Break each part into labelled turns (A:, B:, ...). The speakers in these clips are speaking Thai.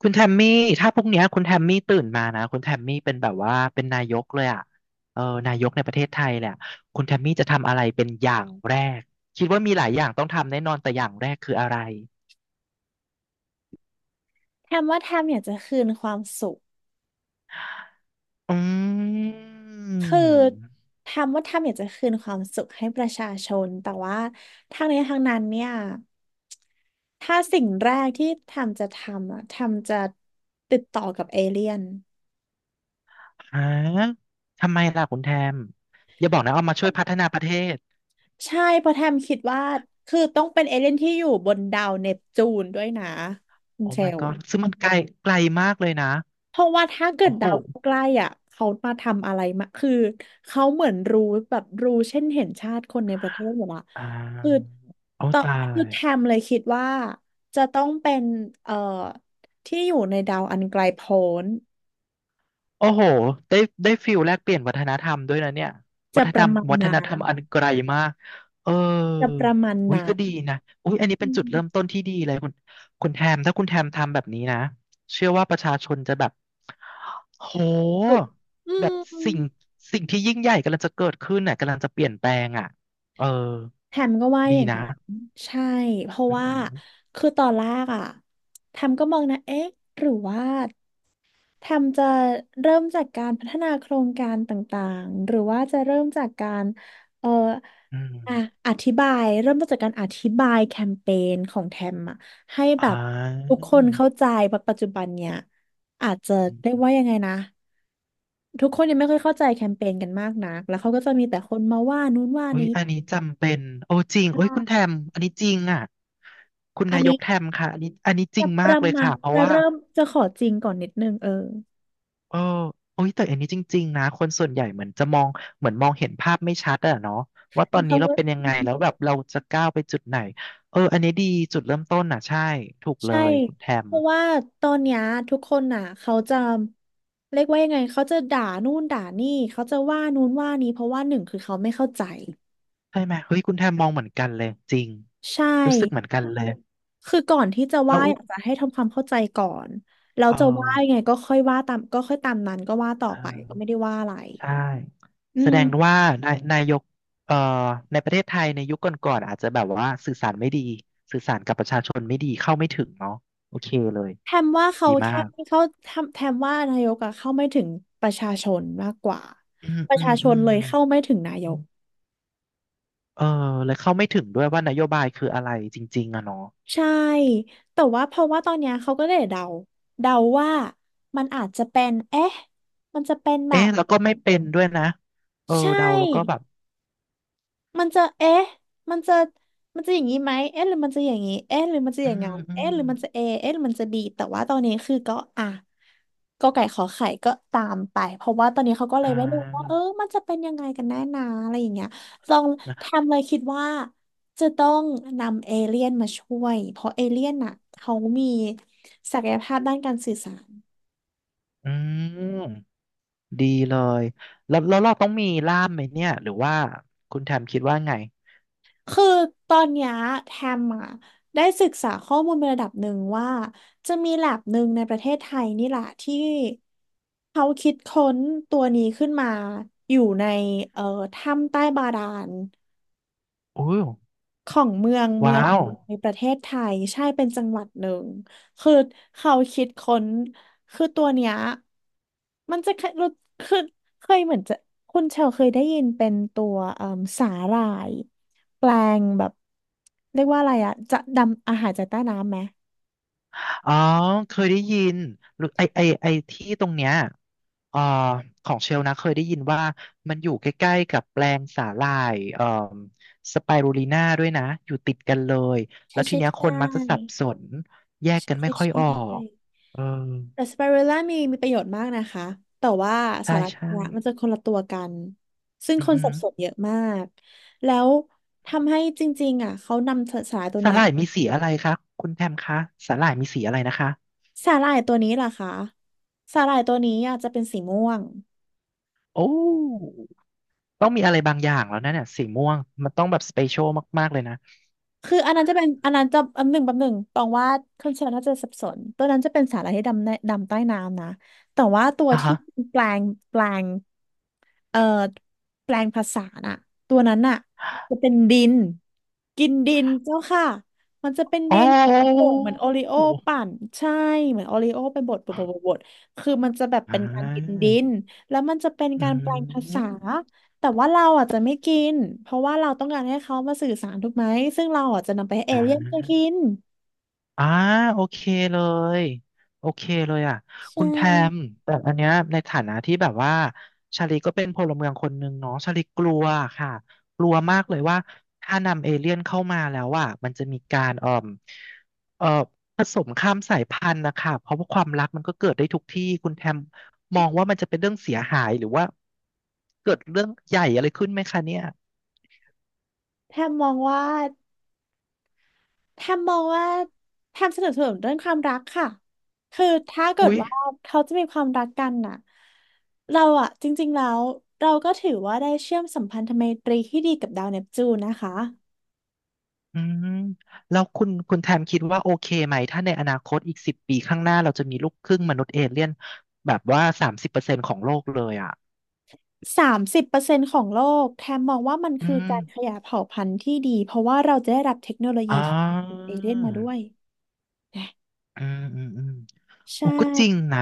A: คุณแทมมี่ถ้าพรุ่งเนี้ยคุณแทมมี่ตื่นมานะคุณแทมมี่เป็นแบบว่าเป็นนายกเลยอ่ะเออนายกในประเทศไทยแหลยอะคุณแทมมี่จะทำอะไรเป็นอย่างแรกคิดว่ามีหลายอย่างต้องทำแน่นอนแต่อย่างแรกคืออะไร
B: แทมว่าแทมอยากจะคืนความสุข
A: อืม
B: คือแทมว่าแทมอยากจะคืนความสุขให้ประชาชนแต่ว่าทางนี้ทางนั้นเนี่ยถ้าสิ่งแรกที่แทมจะทำอะแทมจะติดต่อกับเอเลี่ยน
A: ฮะทำไมล่ะคุณแทมอย่าบอกนะเอามาช่วยพัฒนาประเทศ
B: ใช่เพราะแทมคิดว่าคือต้องเป็นเอเลี่ยนที่อยู่บนดาวเนปจูนด้วยนะคุณ
A: โอ้
B: เช
A: my
B: ล
A: god ซึ่งมันไกลไกลมากเลยนะ
B: เพราะว่าถ้าเกิ
A: โอ้
B: ด
A: โห
B: ดาวใกล้อ่ะเขามาทำอะไรมาคือเขาเหมือนรู้แบบรู้เช่นเห็นชาติคนในประเทศอยู่ละ
A: อ่
B: คือ
A: าเอา
B: ตอ
A: ตา
B: คือ
A: ย
B: แทมเลยคิดว่าจะต้องเป็นเอ่อที่อยู่ในดาวอันไกลโพ้น
A: โอ้โห ได้ได้ฟิลแลกเปลี่ยนวัฒนธรรมด้วยนะเนี่ยวั
B: จะ
A: ฒน
B: ป
A: ธร
B: ระ
A: รม
B: มาณ
A: วัฒ
B: นั้
A: นธ
B: น
A: รรมอันไกลมาก เออ
B: จะประมาณ
A: อุ้ย
B: นั้
A: ก็
B: น
A: ดีนะอุ้ยอันนี้
B: อื
A: เป็นจุด
B: ม
A: เริ่มต้นที่ดีเลยคุณคุณแทมถ้าคุณแทมทำแบบนี้นะเชื่อว่าประชาชนจะแบบโ
B: ถูก
A: ห
B: อื
A: แบบ
B: ม
A: สิ่งสิ่งที่ยิ่งใหญ่กำลังจะเกิดขึ้นน่ะกำลังจะเปลี่ยนแปลงอ่ะเออ
B: แทมก็ว่า
A: ดี
B: อย่าง
A: นะ
B: นั้นใช่เพราะ
A: อื
B: ว่า
A: ม
B: คือตอนแรกอ่ะแทมก็มองนะเอ๊ะหรือว่า แทมจะเริ่มจากการพัฒนาโครงการต่างๆหรือว่าจะเริ่มจากการเอ่อ
A: อหืออื
B: อ่ะ
A: ม
B: อธิบายเริ่มต้นจากการอธิบายแคมเปญของแทมอะให้แบ
A: อ่
B: บ
A: า
B: ทุกคนเข้าใจเพราะปัจจุบันเนี่ยอาจจะเรียกว่ายังไงนะทุกคนยังไม่ค่อยเข้าใจแคมเปญกันมากนักแล้วเขาก็จะมีแต่คนมาว่านู้นว่า
A: โอ้ย
B: นี้
A: อันนี้จำเป็นโอ้จริง
B: อ่
A: โอ้ยคุณแท
B: า
A: มอันนี้จริงอ่ะ คุณ
B: อัน
A: นาย
B: นี้
A: กแทมค่ะอันนี้อันนี้จริ
B: จะ
A: ง
B: ป
A: มาก
B: ระ
A: เลย
B: มาณ
A: ค่ะเพราะ
B: จะ
A: ว่า
B: เริ่มจะขอจริงก่อนนิดนึงเออ
A: เออโอ้ยแต่อันนี้จริงๆนะคนส่วนใหญ่เหมือนจะมองเหมือนมองเห็นภาพไม่ชัดอะเนาะว่าตอ
B: แล้ว
A: นนี้
B: เขา
A: เรา
B: ก็
A: เป็นยังไงแล้วแบบเราจะก้าวไปจุดไหนเอออันนี้ดีจุดเริ่มต้นอ่ะใช่ ถูกเล
B: ใช่
A: ยคุณแทม
B: เพราะว่าตอนเนี้ยทุกคนน่ะเขาจะเรียกว่ายังไงเขาจะด่านู่นด่านี่เขาจะว่านู่นว่านี้เพราะว่าหนึ่งคือเขาไม่เข้าใจ
A: ใช่ไหมเฮ้ยคุณแทมมองเหมือนกันเลยจริง
B: ใช่
A: รู้สึกเหมือนกันเลย
B: คือก่อนที่จะ
A: แล้
B: ว่า
A: ว
B: อยากจะให้ทำความเข้าใจก่อนแล้ว
A: เออ
B: จะว่ายังไงก็ค่อยว่าตามก็ค่อยตามนั้นก็ว่าต่อ
A: เออ
B: ไปก็ไม่ได้ว่าอะไร
A: ใช่
B: อื
A: แสดง
B: ม
A: ว่านายกเอ่อในประเทศไทยในยุคก่อนๆอาจจะแบบว่าสื่อสารไม่ดีสื่อสารกับประชาชนไม่ดีเข้าไม่ถึงเนาะโอเคเลย
B: แทมว่าเขา
A: ดีมา
B: แค่
A: ก
B: ไม่เข้าแทมแทมว่านายกอะเข้าไม่ถึงประชาชนมากกว่า
A: อืม
B: ประ
A: อื
B: ชา
A: ม
B: ช
A: อื
B: น
A: ม
B: เลยเข้าไม่ถึงนายก
A: เออแล้วเข้าไม่ถึงด้วยว่านโยบายคืออะไรจริงๆอะเนาะ
B: ใช่ แต่ว่าเพราะว่าตอนเนี้ยเขาก็เลยเดา เดาว่ามันอาจจะเป็น เอ๊ะ มันจะเป็นแบบ
A: เอ๊ะแล้วก็ไม่เป็นด้วยนะเออ
B: ใช่
A: เดาแล้วก็แบบ
B: มันจะเอ๊ะมันจะ มันจะอย่างนี้ไหมเอ๊ะหรือมันจะอย่างนี้เอ๊ะหรือมันจะอ
A: อื
B: ย่าง
A: ม
B: งั้น
A: อื
B: เอ๊ะ
A: ม
B: หรือมันจะเอเอ๊ะหรือมันจะบีแต่ว่าตอนนี้คือก็อ่ะก็ไก่ขอไข่ก็ตามไปเพราะว่าตอนนี้เขาก็เล
A: อ่
B: ยไม่รู้ว่าเออ
A: า
B: มันจะเป็นยังไงกันแน่นาอะไรอย่างเงี้ยลอง
A: นะ
B: ทำเลยคิดว่าจะต้องนำเอเลี่ยนมาช่วยเพราะเอเลี่ยนน่ะเขามีศักยภาพด้านการสื่อสาร
A: อืมดีเลยแล้วเราต้องมีล่ามไหมเนี่ยหรือว่าคุณแทมคิดว่าไง
B: คือตอนเนี้ยแทมอ่ะได้ศึกษาข้อมูลในระดับหนึ่งว่าจะมีแลบหนึ่งในประเทศไทยนี่แหละที่เขาคิดค้นตัวนี้ขึ้นมาอยู่ในเอ่อถ้ำใต้บาดาล
A: อู้
B: ของเมืองเมือ
A: ว้า
B: ง
A: ว
B: ในประเทศไทยใช่เป็นจังหวัดหนึ่งคือเขาคิดค้นคือตัวเนี้ยมันจะเคยรู้คือเคยเหมือนจะคุณเชลเคยได้ยินเป็นตัวเอ่มสาหร่ายแปลงแบบเรียกว่าอะไรอะจะดำอาหารจากใต้น้ำไหม
A: อ๋อเคยได้ยินหรือไอที่ตรงเนี้ยเอ่อของเชลนะเคยได้ยินว่ามันอยู่ใกล้ๆกับแปลงสาหร่ายสไปรูลิน่าด้วยนะอยู่ติดกันเลย
B: ใช่
A: แล้วที
B: ใช่
A: เนี้ยค
B: ใช่
A: นมักจะสับสนแยกกัน
B: ใช่
A: ไม่ค่อย
B: ใช่
A: ออกเออ
B: แต่สไปรูล่ามีประโยชน์มากนะคะ แต่ว่า
A: ใช่
B: สาระ
A: ใช่
B: เนี่ยมันจะคนละตัวกัน ซึ่ง
A: อื
B: ค
A: อ
B: น
A: หื
B: สั
A: อ
B: บสนเยอะมากแล้วทำให้จริงๆอ่ะเขานำสสาหร่ายตัว
A: สา
B: เนี้
A: ห
B: ย
A: ร่ายมีสีอะไรคะคุณแพมคะสาหร่ายมีสีอะไรนะคะ
B: สาหร่ายตัวนี้ล่ะคะสาหร่ายตัวนี้อ่ะจะเป็นสีม่วง
A: โอ้ต้องมีอะไรบางอย่างแล้วนะเนี่ยสีม่วงมันต้องแบบสเปเชียลมากๆเลยนะ
B: คืออันนั้นจะเป็นอันนั้นจะอันหนึ่งแป๊บหนึ่งตองว่าคนเชลน่าจะสับสนตัวนั้นจะเป็นสาหร่ายที่ดำในดำใต้น้ำนะแต่ว่าตัว
A: อ่ะ
B: ที่
A: ฮะ
B: แปลงแปลงเอ่อแปลงภาษาน่ะตัวนั้นน่ะจะเป็นดิน กินดินเจ้าค่ะ มันจะเป็น
A: อ๋
B: ดินโป่
A: อ
B: งเหมือนโอริโอปั่นใช่เหมือนโอริโอไปบดคือมันจะแบบ
A: อ่
B: เป็นการกิน
A: า
B: ดินแล้วมันจะเป็น
A: อื
B: การแปลงภาษา
A: ม
B: แต่ว่าเราอ่ะจะไม่กินเพราะว่าเราต้องการให้เขามาสื่อสารถูกไหมซึ่งเราอ่ะจะนำไปให้เอ
A: อ่
B: เลี่ยนก็กิ
A: า
B: น
A: อ่าโอเคเลย โอเคเลยอ่ะ
B: ใช
A: คุณแทม
B: ่
A: แต่อันเนี้ยในฐานะที่แบบว่าชาลีก็เป็นพลเมืองคนหนึ่งเนาะชาลีกลัวค่ะกลัวมากเลยว่าถ้านำเอเลี่ยนเข้ามาแล้วอ่ะมันจะมีการเอ่อผสมข้ามสายพันธุ์นะคะ เพราะว่าความรักมันก็เกิดได้ทุกที่ คุณแทมมองว่ามันจะเป็นเรื่องเสียหายหรือว่า เกิดเรื่องใหญ่อะไรขึ้นไหมคะเนี่ย
B: แทบมองว่า แทมมองว่าแทมสนับสนุนเรื่องความรักค่ะคือถ้าเกิด
A: อุ๊ย
B: ว่าเขาจะมีความรักกันน่ะเราอะจริงๆแล้วเราก็ถือว่าได้เชื่อมสัมพันธไมตรีที่ดีกับดาวเนปจูนนะคะ
A: อืมแล้วคุณแทมคิดว่าโอเคไหมถ้าในอนาคตอีก10 ปีข้างหน้าเราจะมีลูกครึ่งมนุษย์เอเลี่ยนแบบว่า30%ของโลกเลยอ่ะ
B: 30%ของโลกแทมมองว่ามัน
A: อื
B: คือ
A: ม
B: การขยายเผ่าพันธุ์ที่ดีเพราะว่าเราจะได้รับเทคโนโลยี
A: อ๋
B: ที่
A: อ
B: เอเลี่ยนมาด้วยนะ
A: อืม อืมอืม
B: ใช่
A: โอ้ก็จริงนะ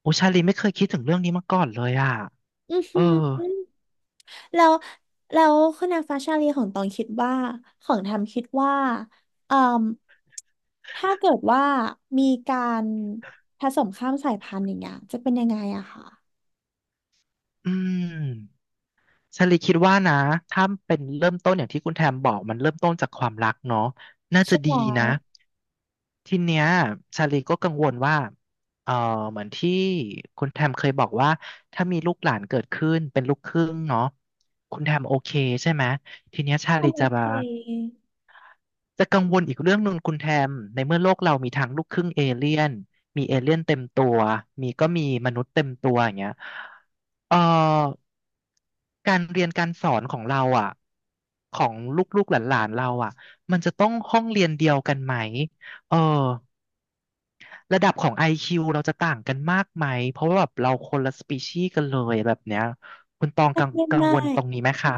A: โอชาลีไม่เคยคิดถึงเรื่องนี้มาก่อนเลยอ่ะ
B: อือ
A: เอ
B: หื
A: อ
B: อ แล้วแล้วคุณนางฟ้าชาลีของตองคิดว่าของทำคิดว่าเอ่มถ้าเกิดว่ามีการผสมข้ามสายพันธุ์อย่างเงี้ยจะเป็นยังไงอะค่ะ
A: อืม ชาลีคิดว่านะถ้าเป็นเริ่มต้นอย่างที่คุณแทมบอกมันเริ่มต้นจากความรักเนาะน่า
B: ใช่
A: จะดี
B: แล้ว
A: นะ ทีเนี้ยชาลีก็กังวลว่าเออเหมือนที่คุณแทมเคยบอกว่าถ้ามีลูกหลานเกิดขึ้นเป็นลูกครึ่งเนาะคุณแทมโอเคใช่ไหมทีเนี้ยชาลี
B: ทำโอ
A: จะ
B: เค
A: มาจะกังวลอีกเรื่องหนึ่งคุณแทมในเมื่อโลกเรามีทั้งลูกครึ่งเอเลี่ยนมีเอเลี่ยนเต็มตัวมีก็มีมนุษย์เต็มตัวอย่างเงี้ยเอ่อการเรียนการสอนของเราอ่ะของลูกๆหลานๆเราอ่ะมันจะต้องห้องเรียนเดียวกันไหมเออ ระดับของ IQ เราจะต่างกันมากไหมเพราะว่าแบบเราคนละสปีชีส์กันเลยแบบเนี้ยคุณตอง
B: ไม่
A: กัง
B: ได้
A: กัง
B: มา
A: วลต
B: ก
A: รงนี้ไหมคะ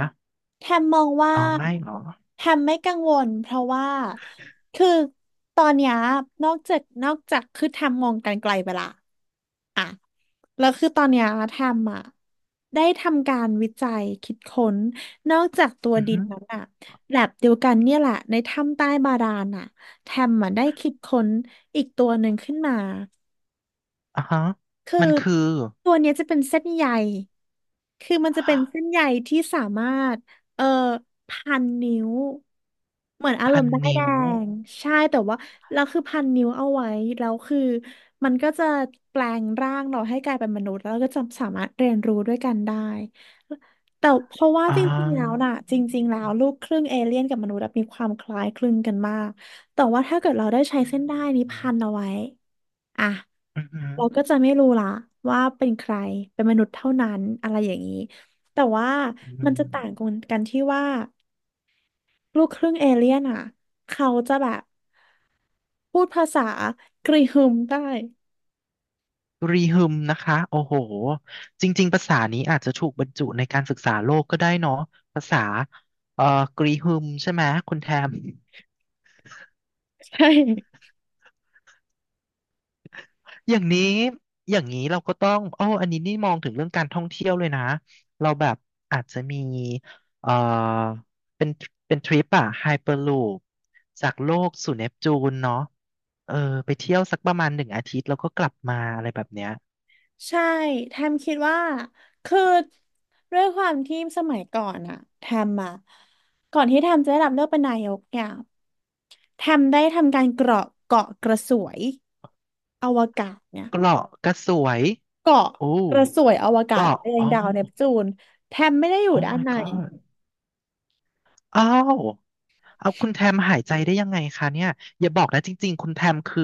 B: แทมมองว่า
A: อ๋อไม่เหรอ
B: แทมไม่กังวลเพราะว่าคือตอนเนี้ยนอกจากคือแทมมองกันไกลไปละ แล้วคือตอนเนี้ยแทมอ่ะได้ทำการวิจัยคิดค้นนอกจากตัว
A: อือ
B: ดิ
A: ฮึ
B: นนั้นอ่ะแลบเดียวกันเนี่ยแหละในถ้ำใต้บาดาลอ่ะแทมอ่ะได้คิดค้นอีกตัวหนึ่งขึ้นมา
A: อ่าฮะ
B: คือ
A: มันคือ
B: ตัวเนี้ยจะเป็นเส้นใย คือมันจะเป็นเส้นใยที่สามารถเอ่อพันนิ้วเหมือนอาร
A: พั
B: ม
A: น
B: ณ์ด้ายแด
A: นิ้ว
B: งใช่แต่ว่าเราคือพันนิ้วเอาไว้แล้วคือมันก็จะแปลงร่างเราให้กลายเป็นมนุษย์แล้วก็จะสามารถเรียนรู้ด้วยกันได้แต่เพราะว่า
A: อ่
B: จริงๆแล้ว
A: า
B: น่ะจริงๆแล้วลูกครึ่งเอเลี่ยนกับมนุษย์อะมีความคล้ายคลึงกันมากแต่ว่าถ้าเกิดเราได้ใช้
A: อ
B: เส้นด้ายนี้
A: ืม
B: พันเอาไว้ อ่ะ
A: อือฮึ
B: เราก็จะไม่รู้ละว่าเป็นใครเป็นมนุษย์เท่านั้นอะไรอย่างนี้แต่ว่า
A: อื
B: มัน
A: ม
B: จะต่างกันกันที่ว่าลูกครึ่งเอเลี่ยนอ่ะเขาจะแบบพูดภาษากรีฮึมได้
A: รีฮึมนะคะโอ้โหจริงๆภาษานี้อาจจะถูกบรรจุในการศึกษาโลกก็ได้เนาะภาษาเอ่อกรีฮึมใช่ไหมคุณแทม
B: ใช่
A: อย่างนี้อย่างนี้เราก็ต้องโอ้ออันนี้นี่มองถึงเรื่องการท่องเที่ยวเลยนะ เราแบบอาจจะมีเอ่อเป็นเป็นทริปอะไฮเปอร์ลูปจากโลกสู่เนปจูนเนาะเออไปเที่ยวสักประมาณ1 อาทิตย์แล้วก็กลับมาอะไรแบบเนี้ย
B: ใช่แทมคิดว่าคือด้วยความที่สมัยก่อนอะแทมอะก่อนที่แทมจะได้รับเลือกเป็นนายกเนี่ยแทมได้ทำการเกาะกระสวยอวกาศเนี่ย
A: เกาะก็สวย
B: เกาะ
A: โอ้
B: กระสวยอวกาศ
A: เกาะ
B: ไปยั
A: อ๋
B: ง
A: อ
B: ดาวเนปจูน แทมไม่ได้อยู่
A: oh
B: ด้าน
A: my
B: ใน
A: god อ้าว เอาคุณแทมหายใจได้ยังไงคะเนี่ยอย่าบอกนะจริงๆคุณแทมคือ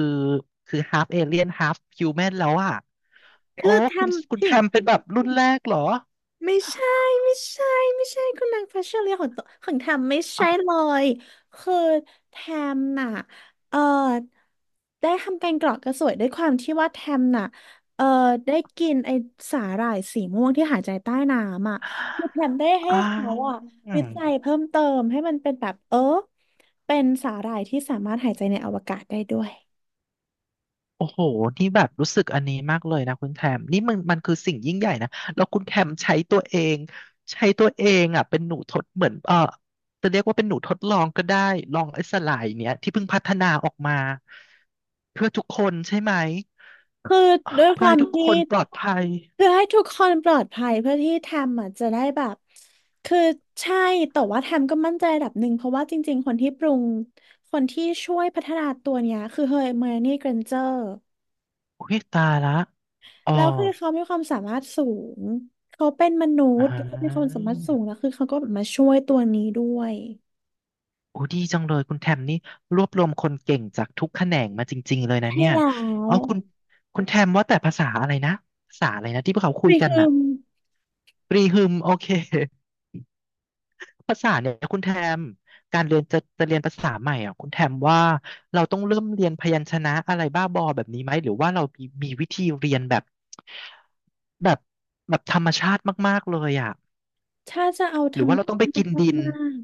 A: half alien half human แล้วอ่ะโอ้
B: คือแท
A: คุณ
B: ม
A: คุณแท
B: ทิ้ง
A: มเป็นแบบรุ่นแรกเหรอ
B: ไม่ใช่ไม่ใช่ไม่ใช่คุณนางฟ้าเชอรี่ของตัวของแทมไม่ใช่
A: อ่ะ
B: เลยคือแทมน่ะเออได้ทำการเกาะกระสวยด้วยความที่ว่าแทมน่ะเออได้กินไอสาหร่ายสีม่วงที่หายใจใต้น้ำอ่ะคือแทมได้ให้
A: อ่า
B: เขาอ่ะวิจัยเพิ่มเติมให้มันเป็นแบบเป็นสาหร่ายที่สามารถหายใจในอวกาศได้ด้วย
A: โอ้โหนี่แบบรู้สึกอันนี้มากเลยนะคุณแทมนี่มันคือสิ่งยิ่งใหญ่นะแล้วคุณแทมใช้ตัวเองอ่ะเป็นหนูทดเหมือนจะเรียกว่าเป็นหนูทดลองก็ได้ลองไอ้สลายเนี้ยที่เพิ่งพัฒนาออกมาเพื่อทุกคนใช่ไหม
B: คือด้วยค
A: เพื่อ
B: วา
A: ให้
B: ม
A: ทุกค
B: ที่
A: นปลอดภัย
B: เพื่อให้ทุกคนปลอดภัยเพื่อที่แทมอ่ะจะได้แบบคือใช่แต่ว่าแทมก็มั่นใจระดับหนึ่งเพราะว่าจริงๆคนที่ช่วยพัฒนาตัวเนี้ยคือเฮอร์ไมโอนี่เกรนเจอร์
A: อุ้ยตายละอ๋อ
B: แล้วคือเขามีความสามารถสูงเขาเป็นมนุ
A: อ่
B: ษย์เขามีความ
A: า
B: สามารถสูงแล้วคือเขาก็แบบมาช่วยตัวนี้ด้วย
A: โอ้ดีจังเลยคุณแทมนี่รวบรวมคนเก่งจากทุกแขนงมาจริงๆเลยนะ
B: ใช่
A: เนี่ย
B: แล้ว
A: อ๋อคุณแทมว่าแต่ภาษาอะไรนะ ภาษาอะไรนะที่พวกเขาคุย
B: นี่
A: กัน
B: คือ
A: น่ะปรีฮึมโอเคภาษาเนี่ยคุณแทมการเรียนจะเรียนภาษาใหม่อ่ะคุณแทมว่าเราต้องเริ่มเรียนพยัญชนะอะไรบ้าบอแบบนี้ไหมหรือว่าเรามีวิธีเรียนแบบแบบแบบธรรมชาติมากๆเลยอ่ะ
B: ถ้าจะเอาธ
A: ห
B: ร
A: รือ
B: รม
A: ว่าเราต้องไป
B: ชา
A: กิ
B: ติ
A: นดิน
B: มาก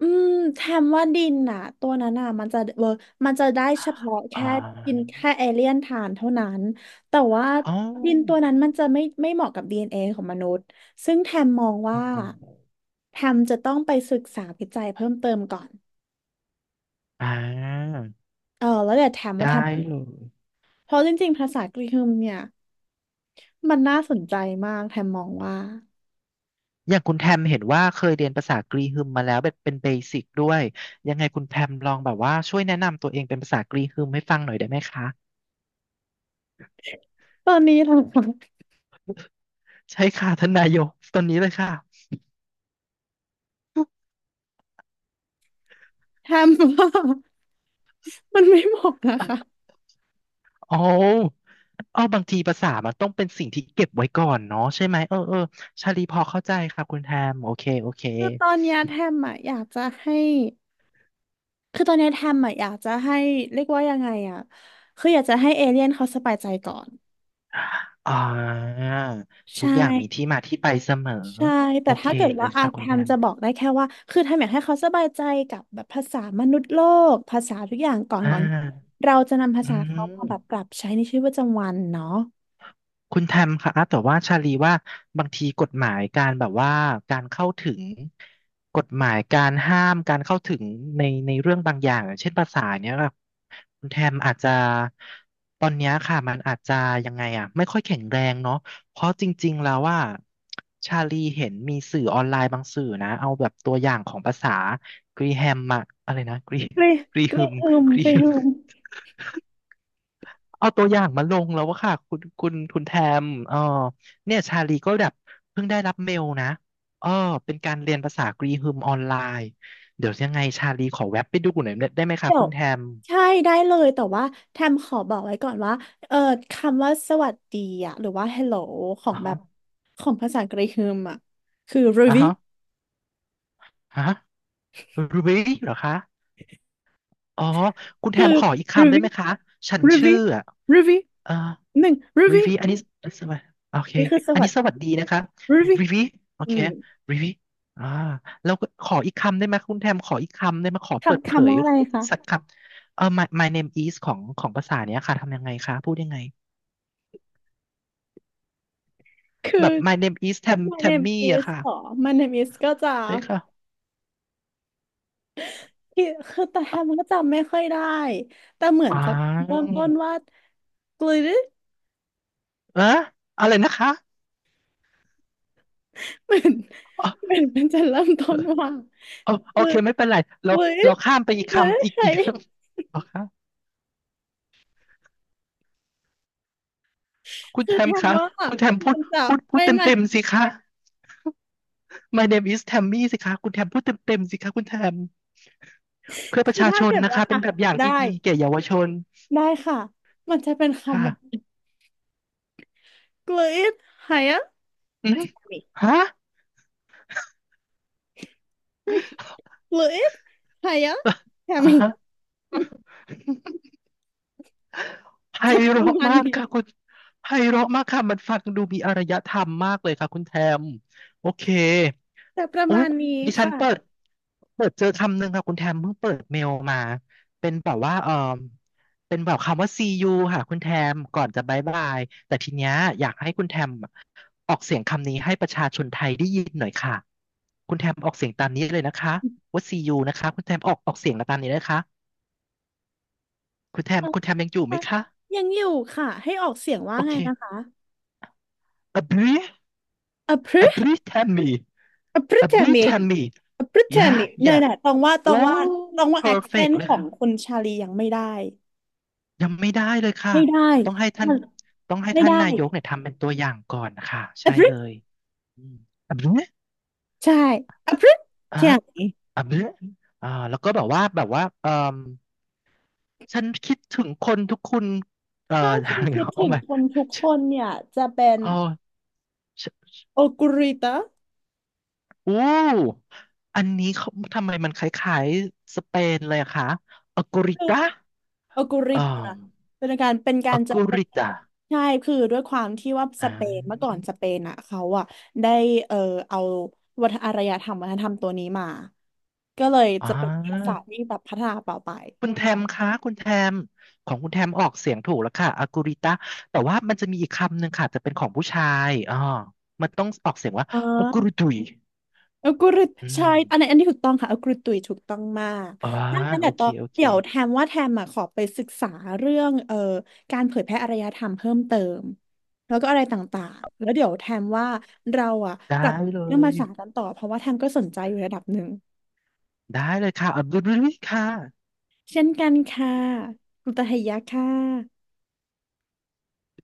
B: อืมแทมว่าดินน่ะตัวนั้นน่ะมันจะเวอร์มันจะได้เฉพาะ
A: อ๋
B: แค่กิน
A: อ
B: แค่เอเลี่ยนทานเท่านั้นแต่ว่า
A: อ๋อ
B: ดินตัวนั้นมันจะไม่เหมาะกับ DNA ของมนุษย์ซึ่งแทมมอง
A: อ๋อ
B: ว่าแทมจะต้องไปศึกษาวิจัยเพิ่มเติมก่อน
A: อ่า
B: แล้วเดี๋ยวแทมว่าแท
A: ได้
B: ม
A: เลย
B: เพราะจริงๆภาษากรีกเนี่ยมันน่าสนใจมากแทมมองว่า
A: อย่างคุณแทมเห็นว่าเคยเรียนภาษากรีฮึมมาแล้วแบบเป็นเบสิกด้วย ยังไงคุณแพมลองแบบว่าช่วยแนะนำตัวเองเป็นภาษากรีฮึมให้ฟังหน่อยได้ไหมคะ
B: ตอนนี้นะคะ
A: ใช่ค่ะ ท่านนายกตอนนี้เลยค่ะ
B: แทมว่ามันไม่เหมาะนะคะ
A: โอ้เอาบางทีภาษามันต้องเป็นสิ่งที่เก็บไว้ก่อนเนาะใช่ไหมเออเออชาลีพอเข้าใจครับคุณแทมโอเคโอเค
B: คือตอนเนี้ยแทมอ่ะอยากจะให้ คือตอนเนี้ยแทมอะอยากจะให้เรียกว่ายังไงอะคืออยากจะให้เอเลี่ยนเขาสบายใจก่อน
A: อ่าทุ
B: ใช่
A: กอย่างมีที่มาที่ไปเสมอ
B: ใช่ แต่
A: โอเค
B: ถ้าเกิด
A: เล
B: ว่า
A: ย
B: อา
A: ค่ะ
B: แท
A: คุณแท
B: ม
A: ม
B: จะบอกได้แค่ว่า คือแทมอยากให้เขาสบายใจกับแบบภาษามนุษย์โลก ภาษาทุกอย่าง
A: อ่า
B: ก่อนเราจะนำภา
A: อื
B: ษา
A: ม
B: เขามาแบบปรับใช้ในชีวิตประจำวันเนาะ
A: คุณแทมคะแต่ว่าชาลีว่าบางทีกฎหมายการแบบว่าการเข้าถึงกฎหมายการห้ามการเข้าถึงในเรื่องบางอย่างอย่างเช่นภาษาเนี้ยค่ะคุณแทมอาจจะตอนเนี้ยค่ะมันอาจจะยังไงอ่ะไม่ค่อยแข็งแรงเนาะเพราะจริงๆแล้วว่าชาลีเห็นมีสื่อออนไลน์บางสื่อนะเอาแบบตัวอย่างของภาษากรีแฮมอะอะไรนะ
B: กรี
A: กรี
B: ก
A: ฮึ
B: รี
A: ม
B: ฮึม
A: กรี
B: กรี
A: ฮึม
B: ฮึม
A: เอาตัวอย่างมาลงแล้วว่าค่ะคุณแทมเนี่ยชาลีก็แบบเพิ่งได้รับเมลนะเออเป็นการเรียนภาษากรีฮึมออนไลน์เดี๋ยวยังไงชาลีขอแวบไปดูหน่อยได้ไหมคะ
B: เดี๋ย
A: คุ
B: ว
A: ณแทม
B: ใช่ได้เลยแต่ว่าแทมขอบอกไว้ก่อนว่าเออคำว่าสวัสดีอะหรือว่า hello ของแบบ
A: อ๋ะ
B: ของภาษากรีกมอะคือ
A: อ๋อ
B: ruby
A: ฮะฮะรูบี้ไหเหรอคะอ๋อคุณแท
B: คื
A: ม
B: อ
A: ขออีกคำได้
B: ruby
A: ไหมคะฉันชื่อ
B: ruby
A: อะ
B: ruby
A: เออ
B: หนึ่ง
A: รี
B: ruby
A: วีอันนี้สวัสดีโอเค
B: นี่คือส
A: อัน
B: วั
A: นี้
B: สดี
A: สวัสดีนะคะ
B: ruby
A: รีวีโอ
B: อื
A: เค
B: ม
A: รีวีอ่าแล้วก็ขออีกคำได้ไหมคุณแทมขออีกคำได้ไหมขอเปิดเผ
B: คำ
A: ย
B: ว่าอะไรคะ
A: สักคำเออ my name is ของภาษาเนี้ยค่ะ ทำยังไงคะพูดยังไง
B: คื
A: แบ
B: อ
A: บ my name is t a ม t
B: my
A: ทม
B: name
A: มีอะ
B: is
A: ค่ะ
B: หรอ my name is ก็จะ
A: ใช่ค่ะ
B: ที่คือแต่แทมก็จำไม่ค่อยได้แต่เหมือน
A: อ่า
B: จะเริ่มต้นว่า glitter
A: เอออะไรนะคะ
B: เหมือน
A: อ๋อ
B: เหมือนมันจะเริ่มต้นว่า
A: อ๋อโอ
B: เวิ
A: เค
B: ร์ด
A: ไม่เป็นไรเรา
B: เวิร์ด
A: ข้ามไปอีก
B: เวิร์ด
A: คำ
B: ใคร
A: อีกเหรอคะคุณ
B: คื
A: แท
B: อ
A: มคะ
B: ทำว่า
A: คุณแทมพูด
B: มันจะ
A: พูดเต็ม
B: ไม่
A: สิคะ My name is Tammy สิคะคุณแทมพูดเต็มๆสิคะคุณแทมเพื่อประ
B: คือ
A: ชา
B: ถ้า
A: ชน
B: เกิด
A: นะ
B: ว่า
A: คะเป็น
B: อ่ะ
A: แบบอย่างที่
B: ได้
A: ดีแก่เยาวชน
B: ได้ค่ะมันจะเป็นคำว่า
A: ค่ะ
B: กลืดหายะ
A: อืมฮะ
B: กลืดหายะ แค
A: อ่า
B: มิ
A: ฮะ ไพ
B: จะประ
A: เราะ
B: มาณ
A: มาก
B: นี้
A: ค่ะคุณไพเราะมากค่ะมันฟังดูมีอารยธรรมมากเลยค่ะคุณแทมโอเค
B: จะประ
A: โอ้
B: มา
A: ย
B: ณนี้
A: ดิฉัน
B: ค่ะ
A: เปิดเจอคำหนึ่งค่ะคุณแทมเพิ่งเปิดเมลมาเป็นแบบว่าเออเป็นแบบคำว่า see you ค่ะคุณแทมก่อนจะบายบายแต่ทีเนี้ยอยากให้คุณแทมออกเสียงคำนี้ให้ประชาชนไทยได้ยินหน่อยค่ะคุณแทมออกเสียงตามนี้เลยนะคะว่า see you นะคะคุณแทมออกเสียงตามนี้นะคะคุณแทมยังอยู่ไหมคะ
B: ยังอยู่ค่ะให้ออกเสียงว่า
A: โอ
B: ไงนะ
A: เค
B: คะ
A: อบรี
B: อพรึ
A: A brief Tammy.
B: อพรึ
A: A
B: แค
A: brief
B: มิ
A: Tammy. Yeah,
B: Britannic เนี่ย
A: yeah.
B: นะ
A: โอ้
B: ตองว่า
A: perfect
B: accent
A: เล
B: ข
A: ย
B: อ
A: ค
B: ง
A: รับ
B: คนชาลียังไม่ได้
A: ยังไม่ได้เลยค่ะ
B: ไม่ได้
A: ต้องให้ท่าน
B: มันไม่ได้
A: นายกเนี่ยทำเป็นตัวอย่างก่อนค่ะ
B: a
A: ใช่
B: b r i
A: เล
B: t
A: ยอืมอับเนี้ย
B: ใช่ a b r i t
A: อ่ะ
B: เที่ยง้
A: อับเนี้ยอ่าแล้วก็แบบว่าเออฉันคิดถึงคนทุกคนเอ่อ
B: ถ้าฉั
A: อะ
B: น
A: ไร
B: คิ
A: เงี้ย
B: ด
A: เอา
B: ถึง
A: หมา
B: คนทุกคนเนี่ยจะเป็น
A: เอาฉัน
B: โอกุริตะ
A: โอ้อันนี้เขาทำไมมันคล้ายๆสเปนเลยอะคะอัลกอริ
B: คือ
A: ตา
B: โอกุริต
A: อ่า
B: ะเป็นการเป็นกา
A: ออ
B: รจะ
A: กู
B: เป็น
A: ริตา
B: ใช่คือด้วยความที่ว่า
A: อ่า
B: สเปนอ่ะเขาอ่ะได้เออเอาวัฒนอารยธรรมวัฒนธรรมตัวนี้มาก็เลยจะ
A: อ่า
B: เป็นภาษาที่แบบพัฒนาต่อไป
A: คุณแทมคะคุณแทมของคุณแทมออกเสียงถูกแล้วค่ะอากูริตาแต่ว่ามันจะมีอีกคำหนึ่งค่ะจะเป็นของผู้ชายอ๋อมันต้องออกเสียงว่า
B: อ๋
A: อากูริ
B: อ
A: ตุย
B: เอัลกอรุท
A: อืม
B: ใช่อันนี้ถูกต้องค่ะเอัลกอริตุยถูกต้องมาก
A: อ๋อ
B: ดังนั้น
A: โอ
B: แต่
A: เค
B: ต่อเดี๋ยวแทมว่าแทมอ่ะขอไปศึกษาเรื่องการเผยแพร่อารยธรรมเพิ่มเติมแล้วก็อะไรต่างๆแล้วเดี๋ยวแทมว่าเราอ่ะ
A: ได้
B: กลับ
A: เล
B: เรื่องภา
A: ย
B: ษากันต่อเพราะว่าแทมก็สนใจอยู่ระดับหนึ่ง
A: ค่ะอากูริค่ะ
B: เช่นกันค่ะคุณตาเฮียะค่ะ